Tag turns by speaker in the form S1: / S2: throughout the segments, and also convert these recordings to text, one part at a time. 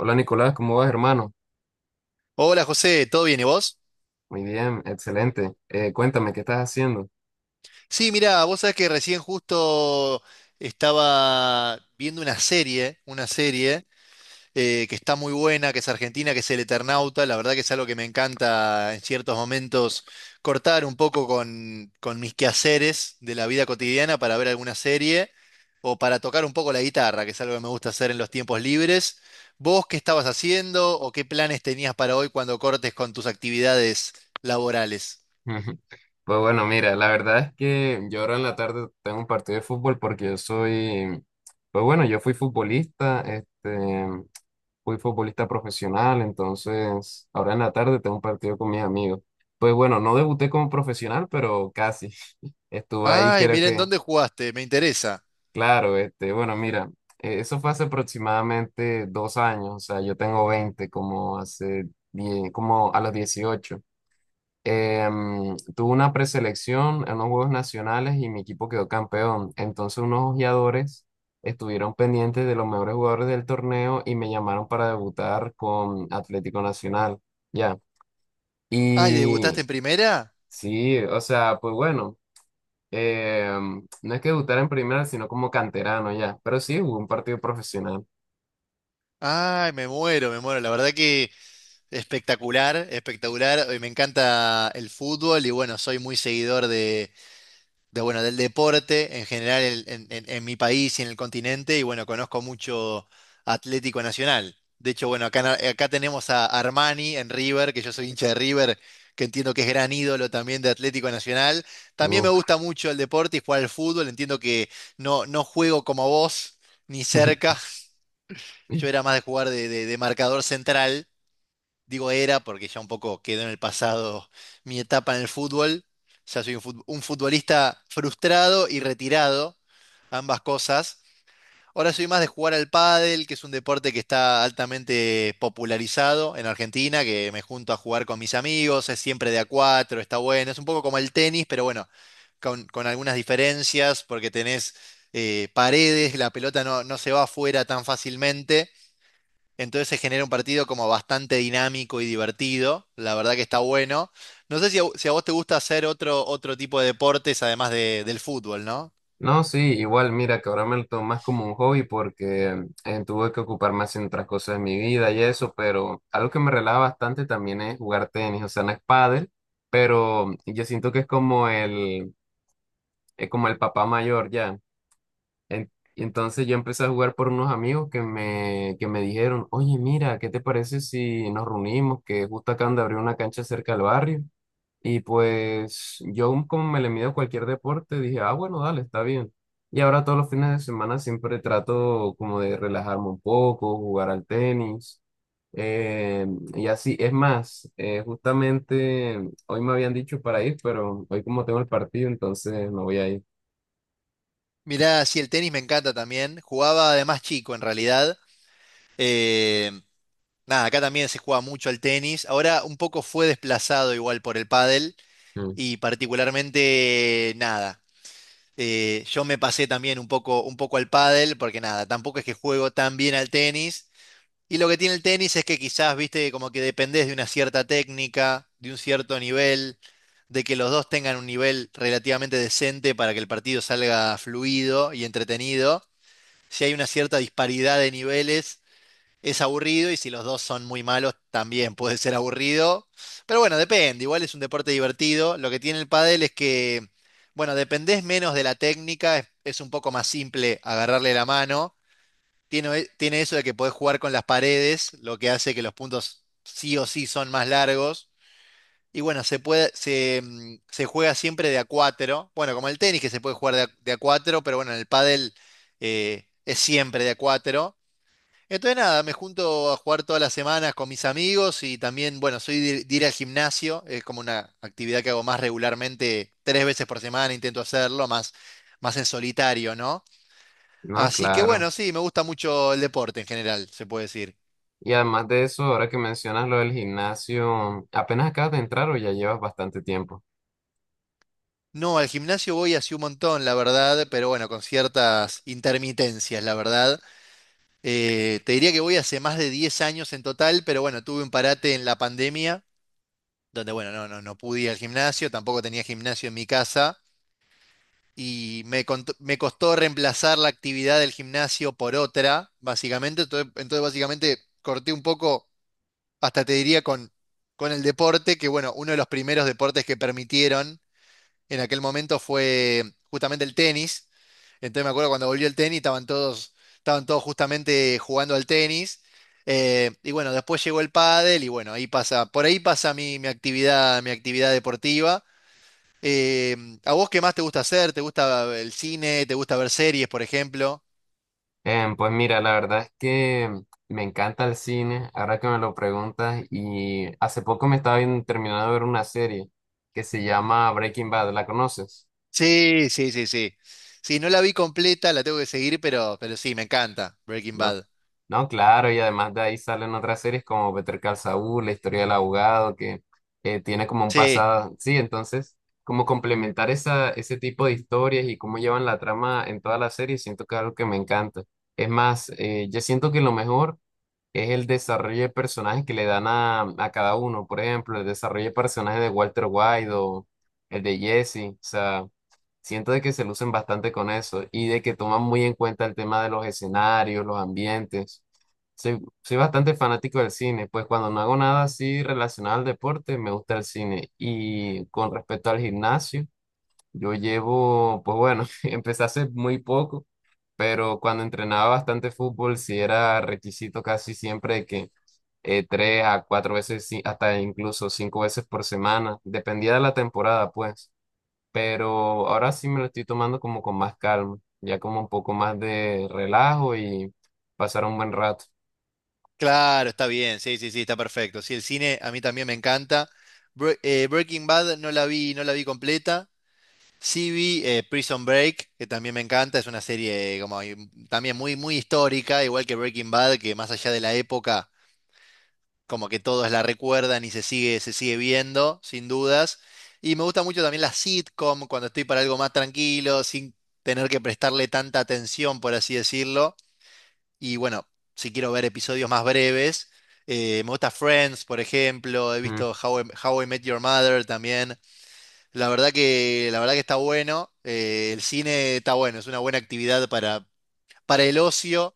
S1: Hola Nicolás, ¿cómo vas, hermano?
S2: Hola José, ¿todo bien y vos?
S1: Muy bien, excelente. Cuéntame, ¿qué estás haciendo?
S2: Sí, mirá, vos sabés que recién justo estaba viendo una serie que está muy buena, que es argentina, que es El Eternauta. La verdad que es algo que me encanta en ciertos momentos cortar un poco con mis quehaceres de la vida cotidiana para ver alguna serie o para tocar un poco la guitarra, que es algo que me gusta hacer en los tiempos libres. ¿Vos qué estabas haciendo o qué planes tenías para hoy cuando cortes con tus actividades laborales?
S1: Pues bueno, mira, la verdad es que yo ahora en la tarde tengo un partido de fútbol porque pues bueno, yo fui futbolista, fui futbolista profesional, entonces ahora en la tarde tengo un partido con mis amigos. Pues bueno, no debuté como profesional, pero casi. Estuve ahí
S2: Ay,
S1: creo
S2: miren,
S1: que.
S2: ¿dónde jugaste? Me interesa.
S1: Claro, bueno, mira, eso fue hace aproximadamente 2 años, o sea, yo tengo 20, como hace 10, como a los 18. Tuve una preselección en los Juegos Nacionales y mi equipo quedó campeón. Entonces unos ojeadores estuvieron pendientes de los mejores jugadores del torneo y me llamaron para debutar con Atlético Nacional, ya.
S2: Ay, ¿debutaste
S1: Y
S2: en primera?
S1: sí, o sea, pues bueno eh, no es que debutara en primera, sino como canterano ya, pero sí jugó un partido profesional.
S2: Ay, me muero, me muero. La verdad que espectacular, espectacular. Me encanta el fútbol y bueno, soy muy seguidor bueno, del deporte en general en mi país y en el continente, y bueno, conozco mucho Atlético Nacional. De hecho, bueno, acá, en acá tenemos a Armani en River, que yo soy hincha de River, que entiendo que es gran ídolo también de Atlético Nacional. También me
S1: Uf.
S2: gusta mucho el deporte y jugar al fútbol, entiendo que no juego como vos, ni cerca. Yo era más de jugar de marcador central. Digo era porque ya un poco quedó en el pasado mi etapa en el fútbol. Ya soy un un futbolista frustrado y retirado, ambas cosas. Ahora soy más de jugar al pádel, que es un deporte que está altamente popularizado en Argentina, que me junto a jugar con mis amigos, es siempre de a cuatro, está bueno. Es un poco como el tenis, pero bueno, con algunas diferencias, porque tenés paredes, la pelota no se va afuera tan fácilmente. Entonces se genera un partido como bastante dinámico y divertido. La verdad que está bueno. No sé si si a vos te gusta hacer otro tipo de deportes además del fútbol, ¿no?
S1: No, sí, igual, mira, que ahora me lo tomo más como un hobby porque tuve que ocupar más en otras cosas de mi vida y eso, pero algo que me relaja bastante también es jugar tenis, o sea, no es pádel, pero yo siento que es como el papá mayor ya. Y entonces yo empecé a jugar por unos amigos que me dijeron, oye, mira, ¿qué te parece si nos reunimos? Que justo acaban de abrir una cancha cerca del barrio. Y pues yo como me le mido a cualquier deporte, dije, ah, bueno, dale, está bien. Y ahora todos los fines de semana siempre trato como de relajarme un poco, jugar al tenis. eh, y así, es más, justamente hoy me habían dicho para ir, pero hoy como tengo el partido, entonces no voy a ir.
S2: Mirá, sí, el tenis me encanta también. Jugaba además chico en realidad. Eh, nada, acá también se juega mucho al tenis. Ahora un poco fue desplazado igual por el pádel
S1: Mm.
S2: y particularmente nada. Yo me pasé también un poco al pádel porque nada, tampoco es que juego tan bien al tenis. Y lo que tiene el tenis es que quizás, viste, como que dependés de una cierta técnica, de un cierto nivel, de que los dos tengan un nivel relativamente decente para que el partido salga fluido y entretenido. Si hay una cierta disparidad de niveles, es aburrido y si los dos son muy malos, también puede ser aburrido. Pero bueno, depende, igual es un deporte divertido. Lo que tiene el pádel es que, bueno, dependés menos de la técnica, es un poco más simple agarrarle la mano tiene eso de que podés jugar con las paredes, lo que hace que los puntos sí o sí son más largos. Y bueno, se puede, se, mm, se juega siempre de a cuatro. Bueno, como el tenis que se puede jugar de a cuatro, pero bueno, en el pádel es siempre de a cuatro. Entonces nada, me junto a jugar todas las semanas con mis amigos y también, bueno, soy de ir al gimnasio, es como una actividad que hago más regularmente, tres veces por semana intento hacerlo, más en solitario, ¿no?
S1: No,
S2: Así que
S1: claro.
S2: bueno, sí, me gusta mucho el deporte en general, se puede decir.
S1: Y además de eso, ahora que mencionas lo del gimnasio, ¿apenas acabas de entrar o ya llevas bastante tiempo?
S2: No, al gimnasio voy hace un montón, la verdad, pero bueno, con ciertas intermitencias, la verdad. Te diría que voy hace más de 10 años en total, pero bueno, tuve un parate en la pandemia, donde bueno, no pude ir al gimnasio, tampoco tenía gimnasio en mi casa, me costó reemplazar la actividad del gimnasio por otra, básicamente. Entonces básicamente corté un poco hasta te diría con el deporte, que bueno, uno de los primeros deportes que permitieron en aquel momento fue justamente el tenis. Entonces me acuerdo cuando volvió el tenis, estaban todos justamente jugando al tenis. Y bueno, después llegó el pádel y bueno, por ahí pasa mi actividad deportiva. Eh, ¿A vos qué más te gusta hacer? ¿Te gusta el cine? ¿Te gusta ver series, por ejemplo?
S1: Pues mira, la verdad es que me encanta el cine, ahora que me lo preguntas, y hace poco me estaba terminando de ver una serie que se llama Breaking Bad, ¿la conoces?
S2: Sí, sí, sí, sí. Sí, no la vi completa, la tengo que seguir, pero sí, me encanta Breaking
S1: No,
S2: Bad.
S1: no, claro, y además de ahí salen otras series como Better Call Saul, La historia del abogado, que tiene como un
S2: Sí.
S1: pasado, sí, entonces, como complementar esa, ese tipo de historias y cómo llevan la trama en toda la serie, siento que es algo que me encanta. Es más, yo siento que lo mejor es el desarrollo de personajes que le dan a cada uno, por ejemplo, el desarrollo de personajes de Walter White o el de Jesse, o sea... Siento de que se lucen bastante con eso y de que toman muy en cuenta el tema de los escenarios, los ambientes. Soy bastante fanático del cine, pues cuando no hago nada así relacionado al deporte, me gusta el cine. Y con respecto al gimnasio, pues bueno, empecé hace muy poco, pero cuando entrenaba bastante fútbol, sí era requisito casi siempre que 3 a 4 veces, sí, hasta incluso 5 veces por semana, dependía de la temporada, pues pero ahora sí me lo estoy tomando como con más calma, ya como un poco más de relajo y pasar un buen rato.
S2: Claro, está bien, sí, sí, sí, está perfecto. Sí, el cine a mí también me encanta. Breaking Bad no la vi, no la vi completa. Sí vi Prison Break, que también me encanta, es una serie como ahí, también muy histórica, igual que Breaking Bad, que más allá de la época, como que todos la recuerdan y se sigue viendo, sin dudas. Y me gusta mucho también la sitcom, cuando estoy para algo más tranquilo, sin tener que prestarle tanta atención, por así decirlo. Y bueno, si quiero ver episodios más breves, me gusta Friends, por ejemplo, he
S1: Mm.
S2: visto How I Met Your Mother también. La verdad que está bueno, el cine está bueno, es una buena actividad para el ocio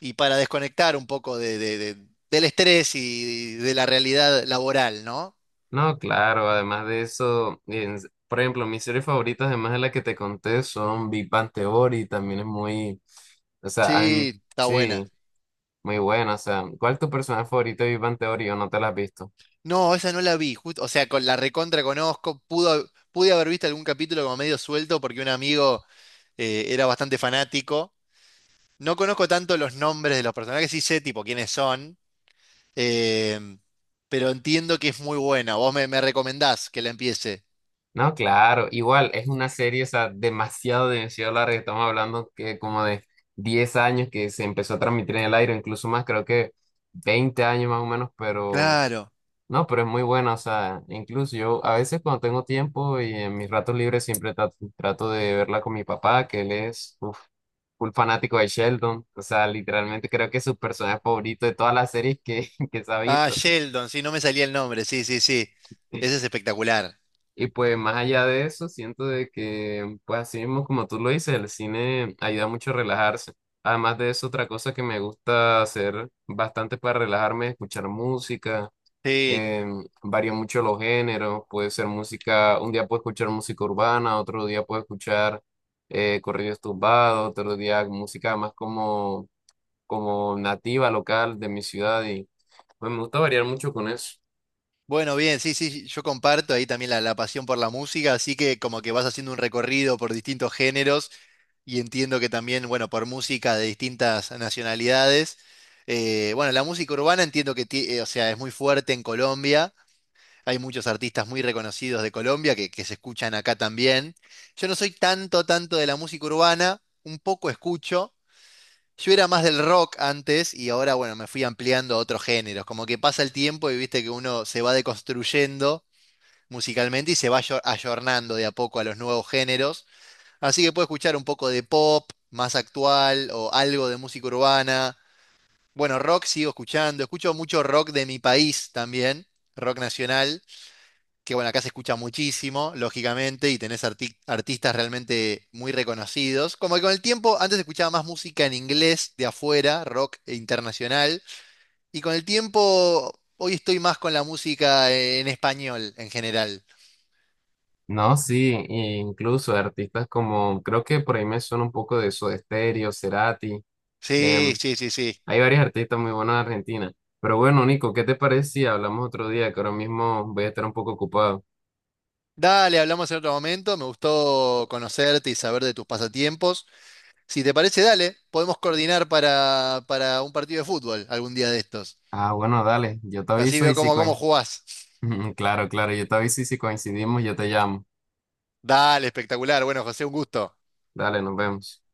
S2: y para desconectar un poco del estrés y de la realidad laboral, ¿no?
S1: No, claro, además de eso, por ejemplo, mis series favoritas, además de la que te conté, son Big Bang Theory, también es muy, o sea,
S2: Sí, está
S1: sí,
S2: buena.
S1: muy buena, o sea, ¿cuál es tu personaje favorito de Big Bang Theory o no te la has visto?
S2: No, esa no la vi, justo, o sea, con la recontra conozco, pude haber visto algún capítulo como medio suelto porque un amigo era bastante fanático. No conozco tanto los nombres de los personajes, sí sé tipo quiénes son, em, pero entiendo que es muy buena. Me recomendás que la empiece.
S1: No, claro, igual es una serie, o sea, demasiado, demasiado larga. Estamos hablando que como de 10 años que se empezó a transmitir en el aire, incluso más, creo que 20 años más o menos, pero
S2: Claro.
S1: no, pero es muy buena, o sea, incluso yo a veces cuando tengo tiempo y en mis ratos libres siempre trato, de verla con mi papá, que él es uf, full fanático de Sheldon, o sea, literalmente creo que es su personaje favorito de todas las series que, que se ha
S2: Ah,
S1: visto.
S2: Sheldon, sí, no me salía el nombre, sí, sí, sí. Ese es espectacular.
S1: Y pues más allá de eso, siento de que, pues así mismo como tú lo dices, el cine ayuda mucho a relajarse. Además de eso, otra cosa que me gusta hacer bastante para relajarme es escuchar música.
S2: Sí.
S1: Eh, Varía mucho los géneros, puede ser música, un día puedo escuchar música urbana, otro día puedo escuchar corridos tumbados, otro día música más como nativa, local de mi ciudad. Y pues me gusta variar mucho con eso.
S2: Bueno, bien, sí, sí, yo comparto ahí también la pasión por la música, así que como que vas haciendo un recorrido por distintos géneros y entiendo que también, bueno, por música de distintas nacionalidades. Bueno, la música urbana entiendo que, o sea, es muy fuerte en Colombia. Hay muchos artistas muy reconocidos de Colombia que se escuchan acá también. Yo no soy tanto de la música urbana, un poco escucho. Yo era más del rock antes y ahora, bueno, me fui ampliando a otros géneros. Como que pasa el tiempo y viste que uno se va deconstruyendo musicalmente y se va ayornando de a poco a los nuevos géneros. Así que puedo escuchar un poco de pop más actual o algo de música urbana. Bueno, rock sigo escuchando. Escucho mucho rock de mi país también, rock nacional que bueno, acá se escucha muchísimo, lógicamente, y tenés artistas realmente muy reconocidos. Como que con el tiempo, antes se escuchaba más música en inglés de afuera, rock e internacional, y con el tiempo, hoy estoy más con la música en español en general.
S1: No, sí, e incluso de artistas como, creo que por ahí me suena un poco de Soda Stereo, Cerati,
S2: Sí,
S1: em,
S2: sí, sí, sí.
S1: hay varios artistas muy buenos en Argentina. Pero bueno, Nico, ¿qué te parece si hablamos otro día? Que ahora mismo voy a estar un poco ocupado.
S2: Dale, hablamos en otro momento. Me gustó conocerte y saber de tus pasatiempos. Si te parece, dale, podemos coordinar para un partido de fútbol algún día de estos.
S1: Ah, bueno, dale, yo te
S2: Así
S1: aviso
S2: veo
S1: y si
S2: cómo
S1: coincidimos.
S2: jugás.
S1: Claro, claro, yo te aviso y si coincidimos, yo te llamo.
S2: Dale, espectacular. Bueno, José, un gusto.
S1: Dale, nos vemos.